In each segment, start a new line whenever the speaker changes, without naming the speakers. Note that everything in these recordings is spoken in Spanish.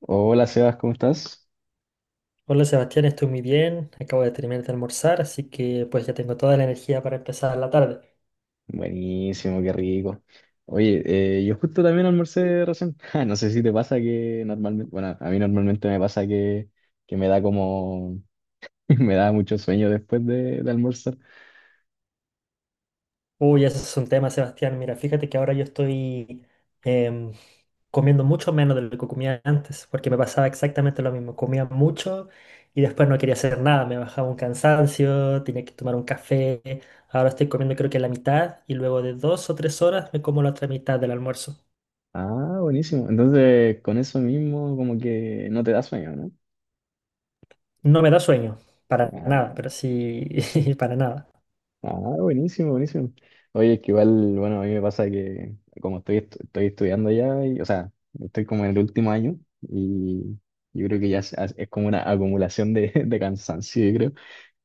Hola Sebas, ¿cómo estás?
Hola Sebastián, estoy muy bien. Acabo de terminar de almorzar, así que pues ya tengo toda la energía para empezar la tarde.
Buenísimo, qué rico. Oye, yo justo también almorcé recién. Ja, no sé si te pasa que normalmente, bueno, a mí normalmente me pasa que me da como, me da mucho sueño después de almorzar.
Uy, ese es un tema, Sebastián. Mira, fíjate que ahora yo estoy em, comiendo mucho menos de lo que comía antes, porque me pasaba exactamente lo mismo. Comía mucho y después no quería hacer nada. Me bajaba un cansancio, tenía que tomar un café. Ahora estoy comiendo creo que la mitad y luego de dos o tres horas me como la otra mitad del almuerzo.
Ah, buenísimo. Entonces, con eso mismo como que no te da sueño, ¿no?
No me da sueño, para
Ah,
nada, pero sí, para nada.
ah, buenísimo, buenísimo. Oye, es que igual, bueno, a mí me pasa que como estoy estudiando ya, y, o sea, estoy como en el último año y yo creo que ya es como una acumulación de, de cansancio, yo creo,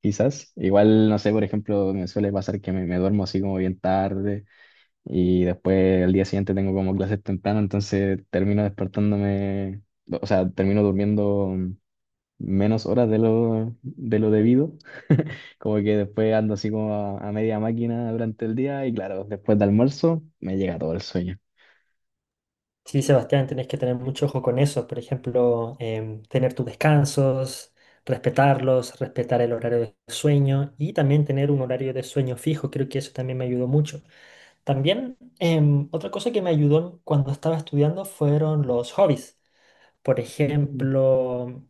quizás. Igual, no sé, por ejemplo, me suele pasar que me duermo así como bien tarde y después al día siguiente tengo como clases temprano, entonces termino despertándome, o sea, termino durmiendo menos horas de lo debido. Como que después ando así como a media máquina durante el día y claro, después de almuerzo me llega todo el sueño.
Sí, Sebastián, tenés que tener mucho ojo con eso. Por ejemplo, tener tus descansos, respetarlos, respetar el horario de sueño y también tener un horario de sueño fijo. Creo que eso también me ayudó mucho. También, otra cosa que me ayudó cuando estaba estudiando fueron los hobbies. Por
Mm.
ejemplo,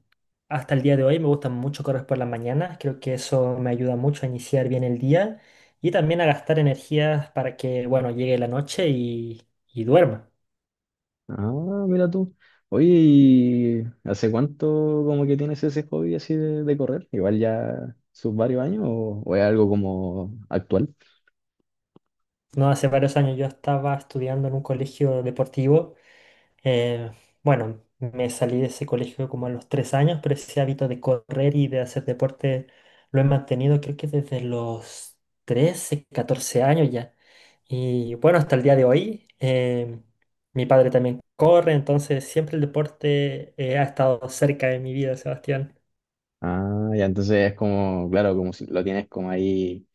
hasta el día de hoy me gusta mucho correr por las mañanas. Creo que eso me ayuda mucho a iniciar bien el día y también a gastar energías para que, bueno, llegue la noche y duerma.
Ah, mira tú. Oye, ¿y hace cuánto como que tienes ese hobby así de correr? Igual ya sus varios años o es algo como actual.
No, hace varios años yo estaba estudiando en un colegio deportivo. eh, bueno, me salí de ese colegio como a los 3 años, pero ese hábito de correr y de hacer deporte lo he mantenido creo que desde los 13 14 años ya. Y bueno, hasta el día de hoy, mi padre también corre, entonces siempre el deporte ha estado cerca de mi vida, Sebastián.
Ah, ya entonces es como, claro, como si lo tienes como ahí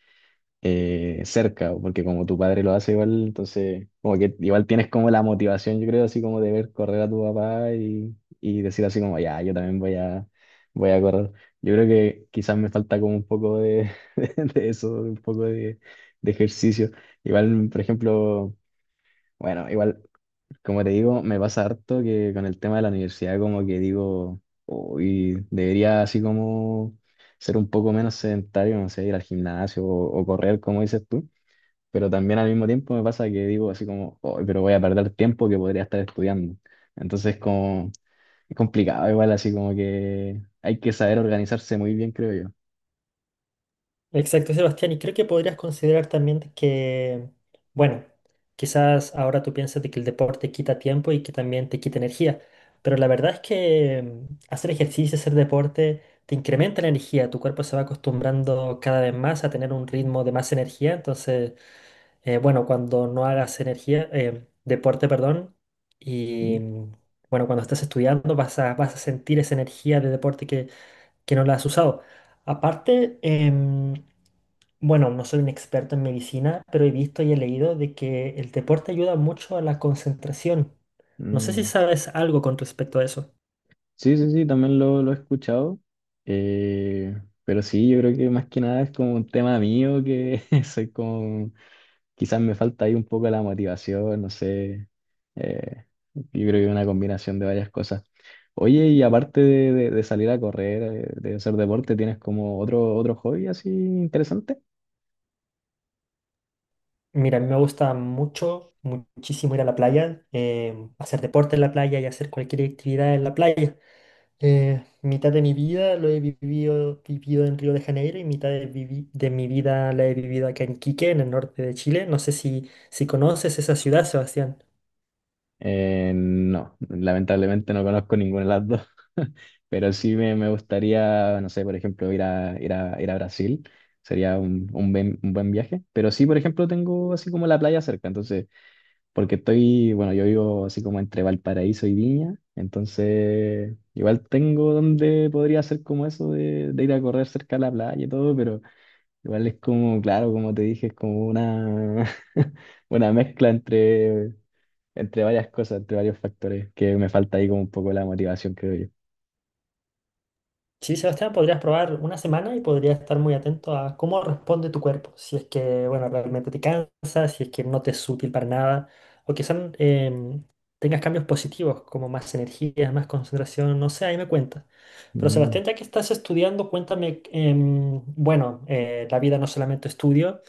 cerca, o porque como tu padre lo hace igual, entonces como que igual tienes como la motivación, yo creo, así como de ver correr a tu papá y decir así como, ya, yo también voy a correr. Yo creo que quizás me falta como un poco de, de eso, un poco de ejercicio. Igual, por ejemplo, bueno, igual, como te digo, me pasa harto que con el tema de la universidad como que digo, uy, debería así como... ser un poco menos sedentario, no sé, ir al gimnasio o correr, como dices tú, pero también al mismo tiempo me pasa que digo así como, "Oh, pero voy a perder tiempo que podría estar estudiando". Entonces como, es complicado igual, así como que hay que saber organizarse muy bien, creo yo.
Exacto, Sebastián, y creo que podrías considerar también de que, bueno, quizás ahora tú piensas de que el deporte quita tiempo y que también te quita energía, pero la verdad es que hacer ejercicio, hacer deporte, te incrementa la energía, tu cuerpo se va acostumbrando cada vez más a tener un ritmo de más energía, entonces, bueno, cuando no hagas energía, deporte, perdón, y
Mm,
bueno, cuando estás estudiando vas a sentir esa energía de deporte que no la has usado. Aparte, bueno, no soy un experto en medicina, pero he visto y he leído de que el deporte ayuda mucho a la concentración. No sé si
mm.
sabes algo con respecto a eso.
Sí, sí, sí, también lo he escuchado, eh, pero sí, yo creo que más que nada es como un tema mío que soy como. Quizás me falta ahí un poco la motivación, no sé. Eh, yo creo que es una combinación de varias cosas. Oye, y aparte de salir a correr, de hacer deporte, ¿tienes como otro, otro hobby así interesante?
Mira, a mí me gusta mucho, muchísimo ir a la playa, hacer deporte en la playa y hacer cualquier actividad en la playa. Mitad de mi vida lo he vivido en Río de Janeiro y mitad de, de mi vida la he vivido acá en Quique, en el norte de Chile. No sé si conoces esa ciudad, Sebastián.
No, lamentablemente no conozco ninguna de las dos, pero sí me gustaría, no sé, por ejemplo, ir a Brasil, sería un buen viaje, pero sí, por ejemplo, tengo así como la playa cerca, entonces. Porque estoy, bueno, yo vivo así como entre Valparaíso y Viña, entonces igual tengo donde podría hacer como eso de ir a correr cerca de la playa y todo, pero igual es como, claro, como te dije, es como una, una mezcla entre, entre varias cosas, entre varios factores, que me falta ahí como un poco la motivación, creo yo.
Sí, Sebastián, podrías probar una semana y podrías estar muy atento a cómo responde tu cuerpo. Si es que, bueno, realmente te cansa, si es que no te es útil para nada, o quizás tengas cambios positivos, como más energía, más concentración, no sé, ahí me cuentas. Pero
Mm.
Sebastián, ya que estás estudiando, cuéntame, bueno, la vida no solamente estudio,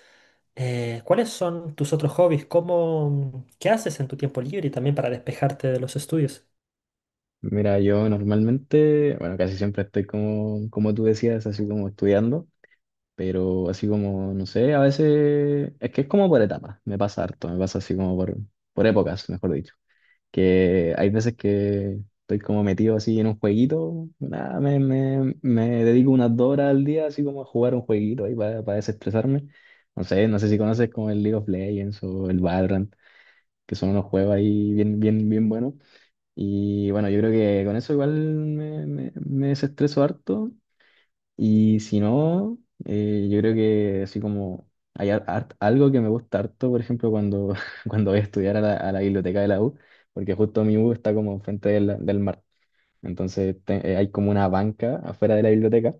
¿cuáles son tus otros hobbies? ¿Cómo, qué haces en tu tiempo libre y también para despejarte de los estudios?
Mira, yo normalmente, bueno, casi siempre estoy como, como tú decías, así como estudiando. Pero así como, no sé, a veces es que es como por etapas, me pasa harto, me pasa así como por épocas, mejor dicho. Que hay veces que estoy como metido así en un jueguito, nada, me dedico unas dos horas al día así como a jugar un jueguito ahí para desestresarme. No sé, no sé si conoces como el League of Legends o el Valorant, que son unos juegos ahí bien, bien, bien buenos. Y bueno, yo creo que con eso igual me desestreso harto. Y si no, yo creo que así como hay algo que me gusta harto, por ejemplo, cuando, cuando voy a estudiar a a la biblioteca de la U, porque justo mi U está como enfrente del, del mar. Entonces hay como una banca afuera de la biblioteca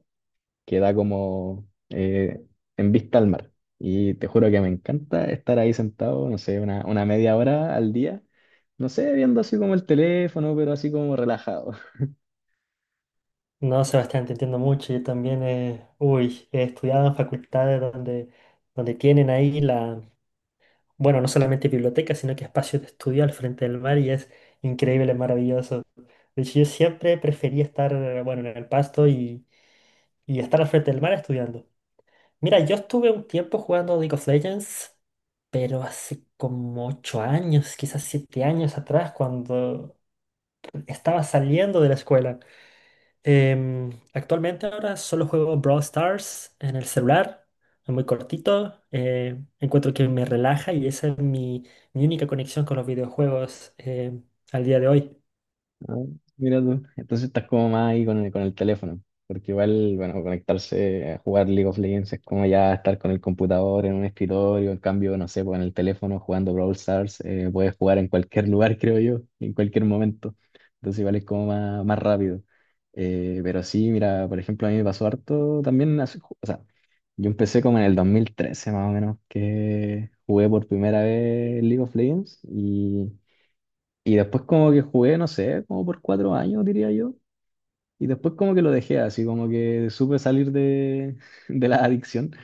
que da como en vista al mar. Y te juro que me encanta estar ahí sentado, no sé, una media hora al día, no sé, viendo así como el teléfono, pero así como relajado.
No, Sebastián, te entiendo mucho. Yo también, uy, he estudiado en facultades donde tienen ahí la, bueno, no solamente biblioteca, sino que espacios de estudio al frente del mar y es increíble, maravilloso. De hecho, yo siempre prefería estar, bueno, en el pasto y estar al frente del mar estudiando. Mira, yo estuve un tiempo jugando League of Legends, pero hace como 8 años, quizás 7 años atrás, cuando estaba saliendo de la escuela. Actualmente ahora solo juego Brawl Stars en el celular, es muy cortito, encuentro que me relaja y esa es mi, mi única conexión con los videojuegos al día de hoy.
Ah, mira tú. Entonces estás como más ahí con el teléfono. Porque igual, bueno, conectarse a jugar League of Legends es como ya estar con el computador en un escritorio. En cambio, no sé, pues en el teléfono jugando Brawl Stars, puedes jugar en cualquier lugar, creo yo, en cualquier momento. Entonces igual es como más, más rápido. Pero sí, mira, por ejemplo, a mí me pasó harto también. O sea, yo empecé como en el 2013 más o menos, que jugué por primera vez League of Legends. Y después como que jugué, no sé, como por cuatro años, diría yo. Y después como que lo dejé así, como que supe salir de, de la adicción.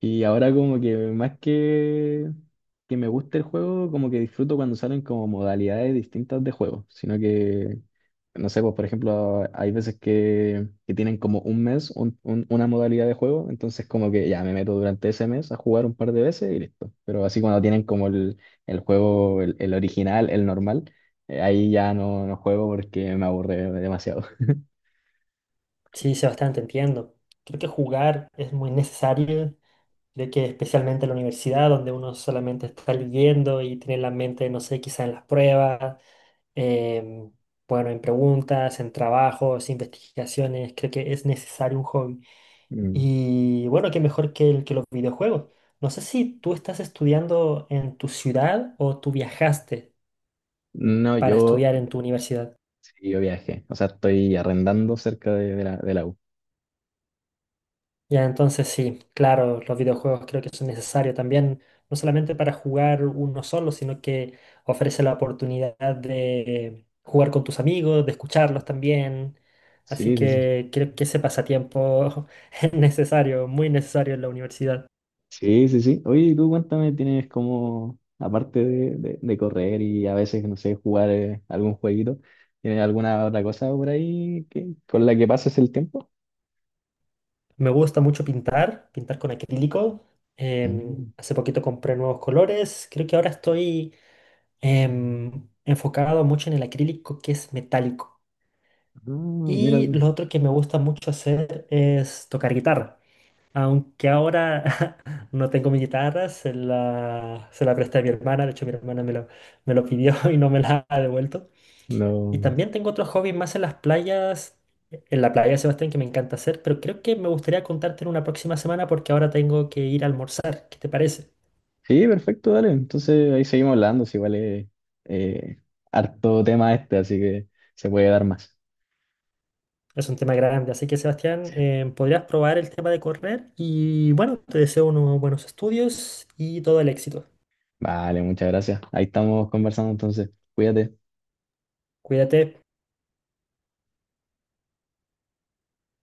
Y ahora como que más que me gusta el juego, como que disfruto cuando salen como modalidades distintas de juego, sino que, no sé, pues por ejemplo, hay veces que tienen como un mes una modalidad de juego, entonces como que ya me meto durante ese mes a jugar un par de veces y listo. Pero así cuando tienen como el juego, el original, el normal, ahí ya no, no juego porque me aburre demasiado.
Sí, Sebastián, te entiendo. Creo que jugar es muy necesario, creo que especialmente en la universidad donde uno solamente está leyendo y tiene la mente, no sé, quizá en las pruebas, em, bueno, en preguntas, en trabajos, investigaciones, creo que es necesario un hobby.
Mm.
Y bueno, qué mejor que, que los videojuegos. No sé si tú estás estudiando en tu ciudad o tú viajaste
No,
para
yo,
estudiar en tu universidad.
sí, yo viajé, o sea, estoy arrendando cerca de la, de la U.
Ya, entonces sí, claro, los videojuegos creo que son necesarios también, no solamente para jugar uno solo, sino que ofrece la oportunidad de jugar con tus amigos, de escucharlos también. Así
Sí, sí, sí.
que creo que ese pasatiempo es necesario, muy necesario en la universidad.
Sí, sí, sí. Oye, y tú cuéntame, tienes como, aparte de correr y a veces, no sé, jugar algún jueguito, ¿tienes alguna otra cosa por ahí que, con la que pases el tiempo?
Me gusta mucho pintar, pintar con acrílico.
Mm.
Hace poquito compré nuevos colores. Creo que ahora estoy enfocado mucho en el acrílico que es metálico.
Ah, mira
Y
tú.
lo otro que me gusta mucho hacer es tocar guitarra. Aunque ahora no tengo mi guitarra, se la presté a mi hermana. De hecho, mi hermana me lo pidió y no me la ha devuelto. Y
No.
también tengo otros hobbies más en las playas, en la playa, Sebastián, que me encanta hacer, pero creo que me gustaría contarte en una próxima semana porque ahora tengo que ir a almorzar. ¿Qué te parece?
Sí, perfecto, dale. Entonces ahí seguimos hablando, si vale. eh, Harto tema este, así que se puede dar más.
Es un tema grande, así que Sebastián, podrías probar el tema de correr y bueno, te deseo unos buenos estudios y todo el éxito.
Vale, muchas gracias. Ahí estamos conversando entonces. Cuídate.
Cuídate.